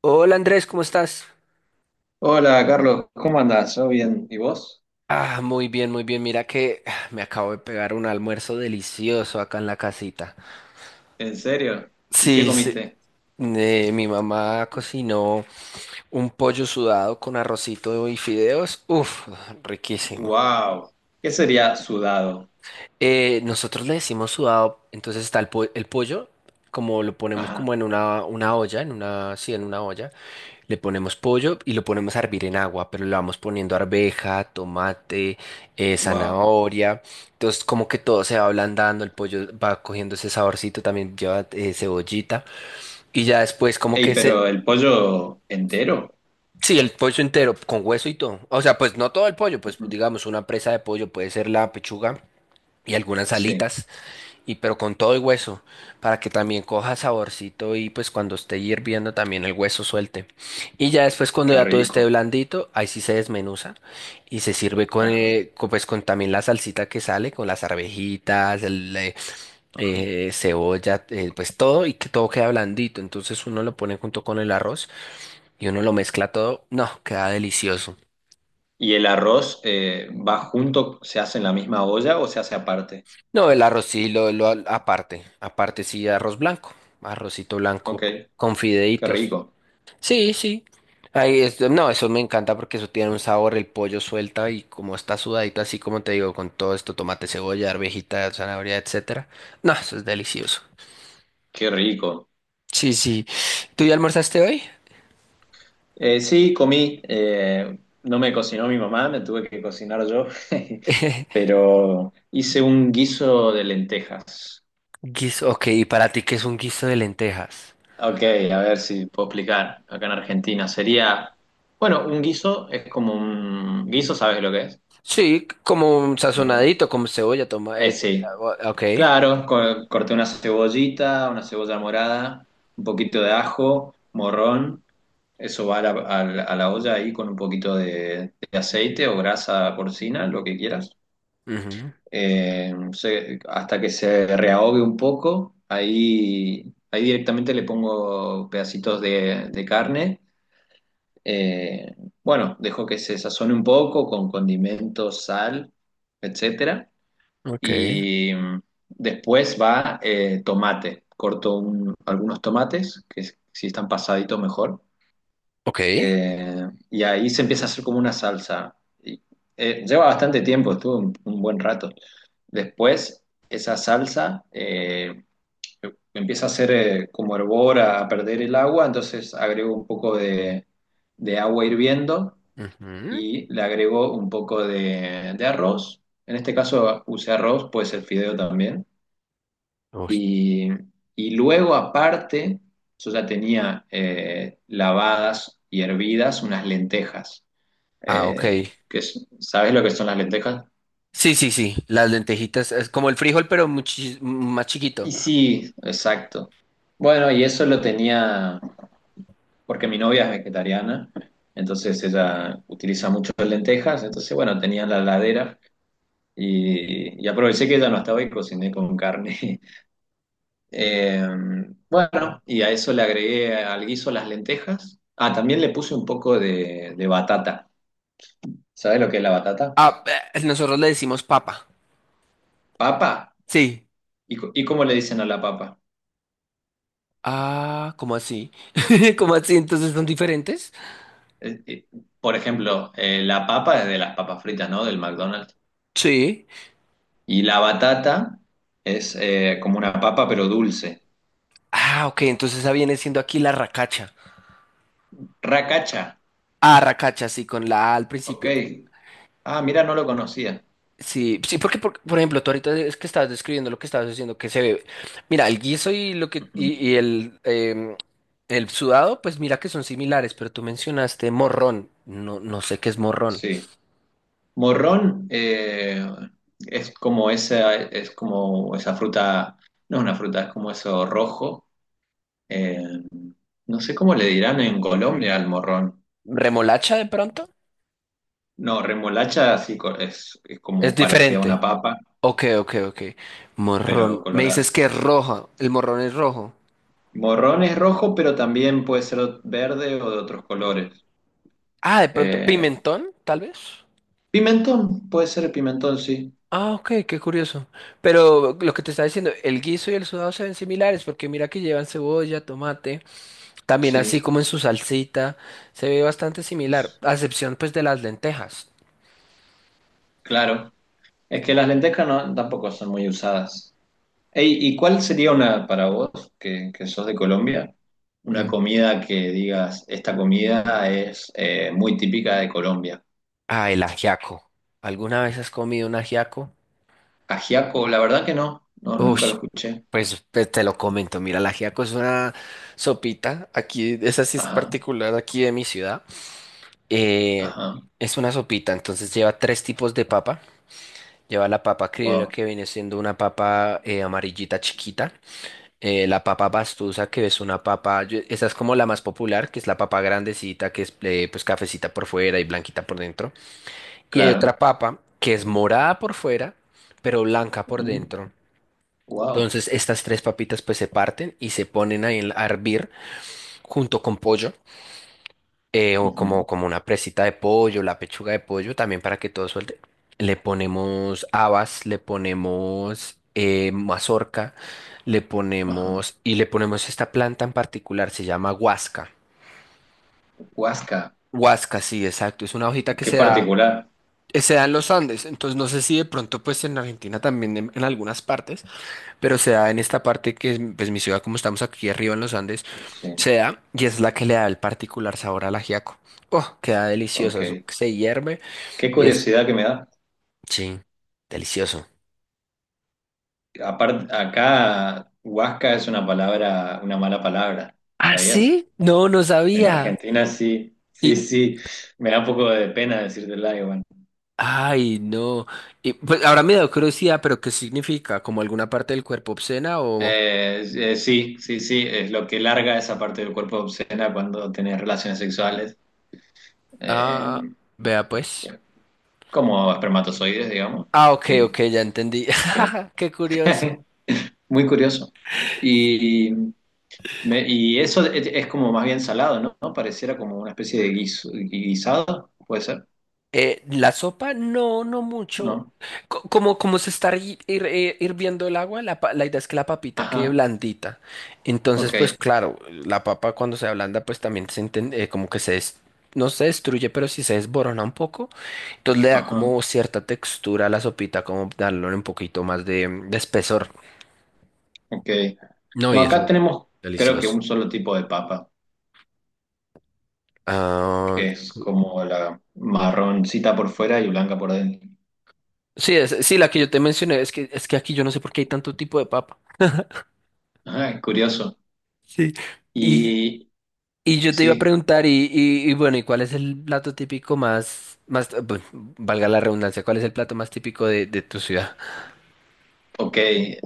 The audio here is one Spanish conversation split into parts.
Hola Andrés, ¿cómo estás? Hola Carlos, ¿cómo andás? ¿Yo bien? ¿Y vos? Muy bien, muy bien. Mira que me acabo de pegar un almuerzo delicioso acá en la casita. ¿En serio? ¿Y qué Sí, sí. comiste? Mi mamá cocinó un pollo sudado con arrocito y fideos. Uf, riquísimo. ¡Wow! ¿Qué sería sudado? Nosotros le decimos sudado, entonces está el pollo, como lo ponemos Ajá, como en una olla, en una, sí, en una olla, le ponemos pollo y lo ponemos a hervir en agua, pero le vamos poniendo arveja, tomate, wow. zanahoria, entonces como que todo se va ablandando, el pollo va cogiendo ese saborcito, también lleva cebollita y ya después como Ey, que se... pero el pollo entero. Sí, el pollo entero, con hueso y todo. O sea, pues no todo el pollo, pues Ujú. digamos una presa de pollo puede ser la pechuga y algunas Sí, alitas. Y pero con todo el hueso, para que también coja saborcito y pues cuando esté hirviendo también el hueso suelte. Y ya después cuando qué ya todo esté rico. blandito, ahí sí se desmenuza y se sirve con, Ajá, pues con también la salsita que sale, con las arvejitas, ajá. Cebolla, pues todo y que todo queda blandito. Entonces uno lo pone junto con el arroz y uno lo mezcla todo. No, queda delicioso. ¿Y el arroz va junto, se hace en la misma olla o se hace aparte? No, el arroz sí lo aparte, aparte sí arroz blanco, arrocito Ok, blanco con qué fideitos. rico, Sí, sí. Ahí es, no, eso me encanta porque eso tiene un sabor, el pollo suelta y como está sudadito, así como te digo, con todo esto, tomate, cebolla, arvejita, zanahoria, etcétera. No, eso es delicioso. qué rico. Sí, sí. ¿Tú ya almorzaste hoy? Sí, comí. No me cocinó mi mamá, me tuve que cocinar yo. Pero hice un guiso de lentejas. Guiso, ok, ¿y para ti qué es un guiso de lentejas? Ok, a ver si puedo explicar. Acá en Argentina sería, bueno, un guiso es como un guiso, ¿sabes lo que es? Sí, como un Como un- sazonadito, como cebolla, sí, ok. claro, corté una cebollita, una cebolla morada, un poquito de ajo, morrón, eso va a a la olla ahí con un poquito de aceite o grasa porcina, lo que quieras. Ujú, Hasta que se reahogue un poco, ahí, ahí directamente le pongo pedacitos de carne. Eh, bueno, dejo que se sazone un poco con condimentos, sal, etcétera. ok, Y después va tomate. Algunos tomates, que si están pasaditos mejor. ok. Y ahí se empieza a hacer como una salsa. Y, Lleva bastante tiempo, estuvo un buen rato. Después, esa salsa empieza a hacer como hervor, a perder el agua. Entonces agrego un poco de agua hirviendo Ujú. y le agrego un poco de arroz. En este caso usé arroz, puede ser fideo también. Uy, Y, y luego aparte, yo ya tenía lavadas y hervidas unas lentejas. ah, ok. ¿Sabes lo que son las lentejas? Sí, sí, sí. Las lentejitas es como el frijol, pero más chiquito. Y sí, exacto. Bueno, y eso lo tenía porque mi novia es vegetariana, entonces ella utiliza mucho lentejas, entonces bueno, tenía en la ladera. Y aproveché que ella no estaba y cociné con carne. Eh, bueno, y a eso le agregué al guiso las lentejas. Ah, también le puse un poco de batata. ¿Sabes lo que es la batata? Ah, Nosotros le decimos papa. Papa. Sí. Y, ¿y cómo le dicen a la papa? Ah, ¿cómo así? ¿Cómo así? Entonces son diferentes. Eh, eh, por ejemplo, la papa es de las papas fritas, ¿no? Del McDonald's. Sí. Y la batata es como una papa, pero dulce. Ah, ok, entonces esa viene siendo aquí la racacha. Racacha. Ah, racacha, sí, con la A al Ok. principio. Ah, mira, no lo conocía. Sí, sí, porque por ejemplo, tú ahorita es que estabas describiendo lo que estabas diciendo, que se ve. Mira, el guiso y lo que Ujú. y el el sudado, pues mira que son similares, pero tú mencionaste morrón. No, no sé qué es morrón. Sí. Morrón es como esa fruta, no es una fruta, es como eso rojo. eh, no sé cómo le dirán en Colombia al morrón. ¿Remolacha de pronto? No, remolacha es Es como parecida a una diferente. papa, Ok, ok, ok. pero Morrón. Me colorada. dices que es roja. El morrón es rojo. Morrón es rojo, pero también puede ser verde o de otros colores. Ah, de pronto, Eh, pimentón, tal vez. Pimentón, puede ser pimentón, sí. Ah, ok, qué curioso. Pero lo que te estaba diciendo, el guiso y el sudado se ven similares porque mira que llevan cebolla, tomate, también así Sí, como en su salsita, se ve bastante similar, a excepción pues de las lentejas. claro. Es que las lentejas no, tampoco son muy usadas. Ey, ¿y cuál sería una, para vos, que sos de Colombia, una Ujú. comida que digas, esta comida es muy típica de Colombia? Ah, el ajiaco. ¿Alguna vez has comido un ajiaco? Ajiaco, la verdad que no, no, nunca lo Ush, escuché. pues, pues, te lo comento, mira, el ajiaco es una sopita, aquí, esa sí es Ajá, particular aquí de mi ciudad, eh, ajá, es una sopita, entonces lleva tres tipos de papa, lleva la papa criolla wow, que viene siendo una papa amarillita chiquita, la papa pastusa que es una papa, esa es como la más popular, que es la papa grandecita, que es pues cafecita por fuera y blanquita por dentro, y hay otra claro. papa que es morada por fuera, pero blanca por dentro. Wow, Entonces estas tres papitas pues se parten y se ponen ahí a hervir junto con pollo como una presita de pollo, la pechuga de pollo también para que todo suelte. Le ponemos habas, le ponemos mazorca, ajá. Le ponemos esta planta en particular, se llama huasca. Huasca, Huasca, sí, exacto. Es una hojita que qué particular. Se da en los Andes. Entonces no sé si de pronto pues en Argentina también en algunas partes pero se da en esta parte que es pues, mi ciudad, como estamos aquí arriba en los Andes, Sí, se da y es la que le da el particular sabor al ajiaco. Oh, queda delicioso, eso ok. que se hierve Qué y es... curiosidad que me da. Sí, delicioso. Aparte, acá, Huasca es una palabra, una mala palabra, ¿Ah, ¿sabías? sí? No, no En sabía. Argentina sí, sí, Y, sí. Me da un poco de pena decirte algo, bueno. ay, no. Y, pues ahora me da curiosidad, pero ¿qué significa? ¿Como alguna parte del cuerpo obscena o...? Sí, sí, sí, es lo que larga esa parte del cuerpo obscena cuando tenés relaciones sexuales, eh, Ah, vea pues. como espermatozoides, digamos. Ah, ok, ok, Sí, ya entendí. ok. Qué curioso. Muy curioso. Y, y eso es como más bien salado, ¿no? ¿No? Pareciera como una especie de guisado, puede ser, La sopa, no, no mucho. ¿no? Como, como se está hirviendo el agua, la idea es que la papita quede Ajá, blandita. Entonces, ok, pues claro, la papa cuando se ablanda, pues también como que no se destruye, pero sí se desborona un poco. Entonces le da ajá, como cierta textura a la sopita, como darle un poquito más de espesor. ok. No, No, y acá eso, tenemos creo que delicioso. un solo tipo de papa, Ah, que es como la marroncita por fuera y blanca por dentro. sí, sí, la que yo te mencioné, es que aquí yo no sé por qué hay tanto tipo de papa. Ajá, curioso. Sí. y Y Y yo te iba a sí, preguntar, y bueno, ¿y cuál es el plato típico bueno, valga la redundancia, cuál es el plato más típico de tu ciudad? ok.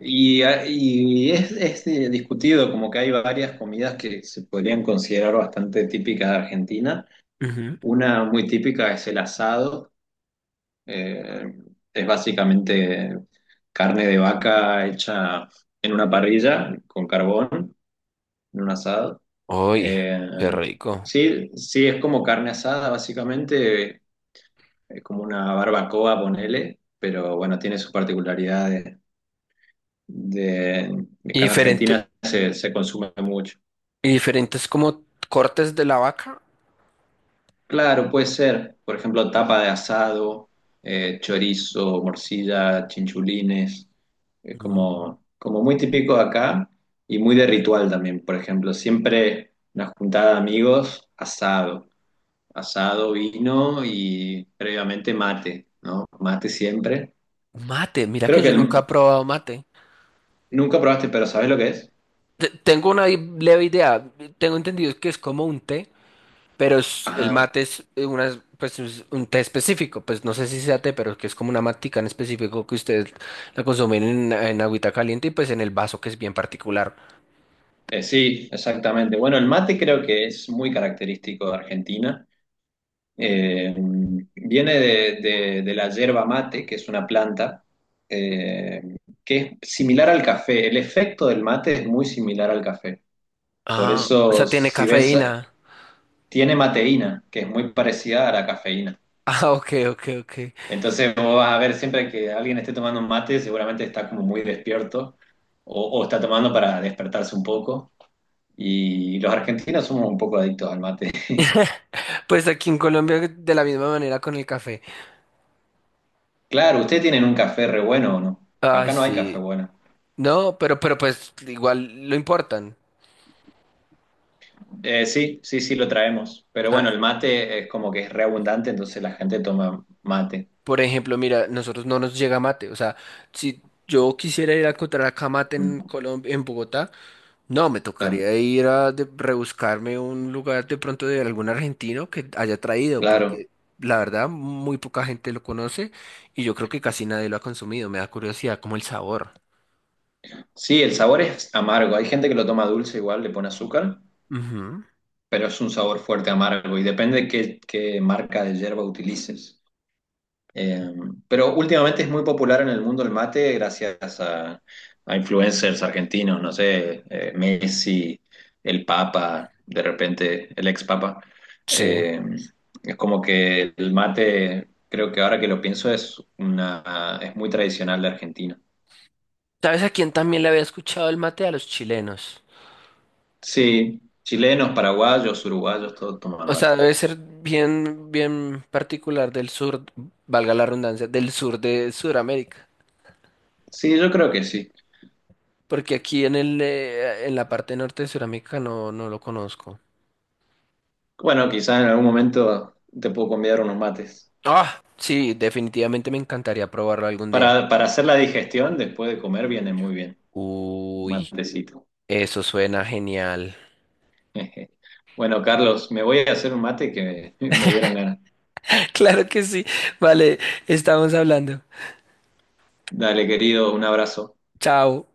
Y, y es, discutido, como que hay varias comidas que se podrían considerar bastante típicas de Argentina. Ujú. Una muy típica es el asado. eh, es básicamente carne de vaca hecha en una parrilla con carbón, en un asado. Uy, Eh, qué rico. sí, sí, es como carne asada, básicamente. Es como una barbacoa, ponele, pero bueno, tiene sus particularidades de ¿Y que en diferente, Argentina se, se consume mucho. y diferentes como cortes de la vaca? Claro, puede ser, por ejemplo, tapa de asado, chorizo, morcilla, chinchulines, es No. como, como muy típico de acá y muy de ritual también, por ejemplo, siempre una juntada de amigos, asado, asado, vino y previamente mate, ¿no? Mate siempre. Mate, mira que Creo que yo nunca he el- probado mate. Nunca probaste, pero ¿sabes lo que es? Tengo una leve idea, tengo entendido que es como un té, pero el Ajá, mate es una, pues, es un té específico, pues no sé si sea té, pero que es como una matica en específico que ustedes la consumen en agüita caliente y pues en el vaso que es bien particular. Sí, exactamente. Bueno, el mate creo que es muy característico de Argentina. Eh, Viene de, de la yerba mate, que es una planta eh, que es similar al café. El efecto del mate es muy similar al café. Por Ah, o eso, sea, tiene si ves, cafeína. tiene mateína, que es muy parecida a la cafeína. Ah, ok, ok, ok. Entonces, vos vas a ver siempre que alguien esté tomando un mate, seguramente está como muy despierto o está tomando para despertarse un poco. Y los argentinos somos un poco adictos al mate. Pues aquí en Colombia de la misma manera con el café. Claro, ¿ustedes tienen un café re bueno o no? Ah, Acá no hay café sí. bueno. No, pero pues igual lo importan. Sí, sí, sí lo traemos. Pero bueno, Ah, el mate es como que es re abundante, entonces la gente toma mate. por ejemplo, mira, nosotros no nos llega mate. O sea, si yo quisiera ir a encontrar acá mate en Mm, Colombia, en Bogotá, no, me claro, tocaría ir a rebuscarme un lugar de pronto de algún argentino que haya traído, claro. porque la verdad muy poca gente lo conoce y yo creo que casi nadie lo ha consumido. Me da curiosidad como el sabor. Sí, el sabor es amargo. Hay gente que lo toma dulce igual, le pone azúcar, Ujú, pero es un sabor fuerte amargo y depende qué, qué marca de yerba utilices. Eh, pero últimamente es muy popular en el mundo el mate gracias a influencers argentinos, no sé, Messi, el Papa, de repente el ex Papa. sí. Eh, es como que el mate, creo que ahora que lo pienso, es una, es muy tradicional de Argentina. ¿Sabes a quién también le había escuchado el mate? A los chilenos. Sí, chilenos, paraguayos, uruguayos, todos toman O mate. sea, debe ser bien, bien particular del sur, valga la redundancia, del sur de Sudamérica. Sí, yo creo que sí. Porque aquí en el, en la parte norte de Sudamérica no, no lo conozco. Bueno, quizás en algún momento te puedo convidar unos mates. Ah, sí, definitivamente me encantaría probarlo algún día. Para hacer la digestión después de comer viene muy bien. Uy, Matecito. eso suena genial. Bueno, Carlos, me voy a hacer un mate que me dieron ganas. Claro que sí. Vale, estamos hablando. Dale, querido, un abrazo. Chao.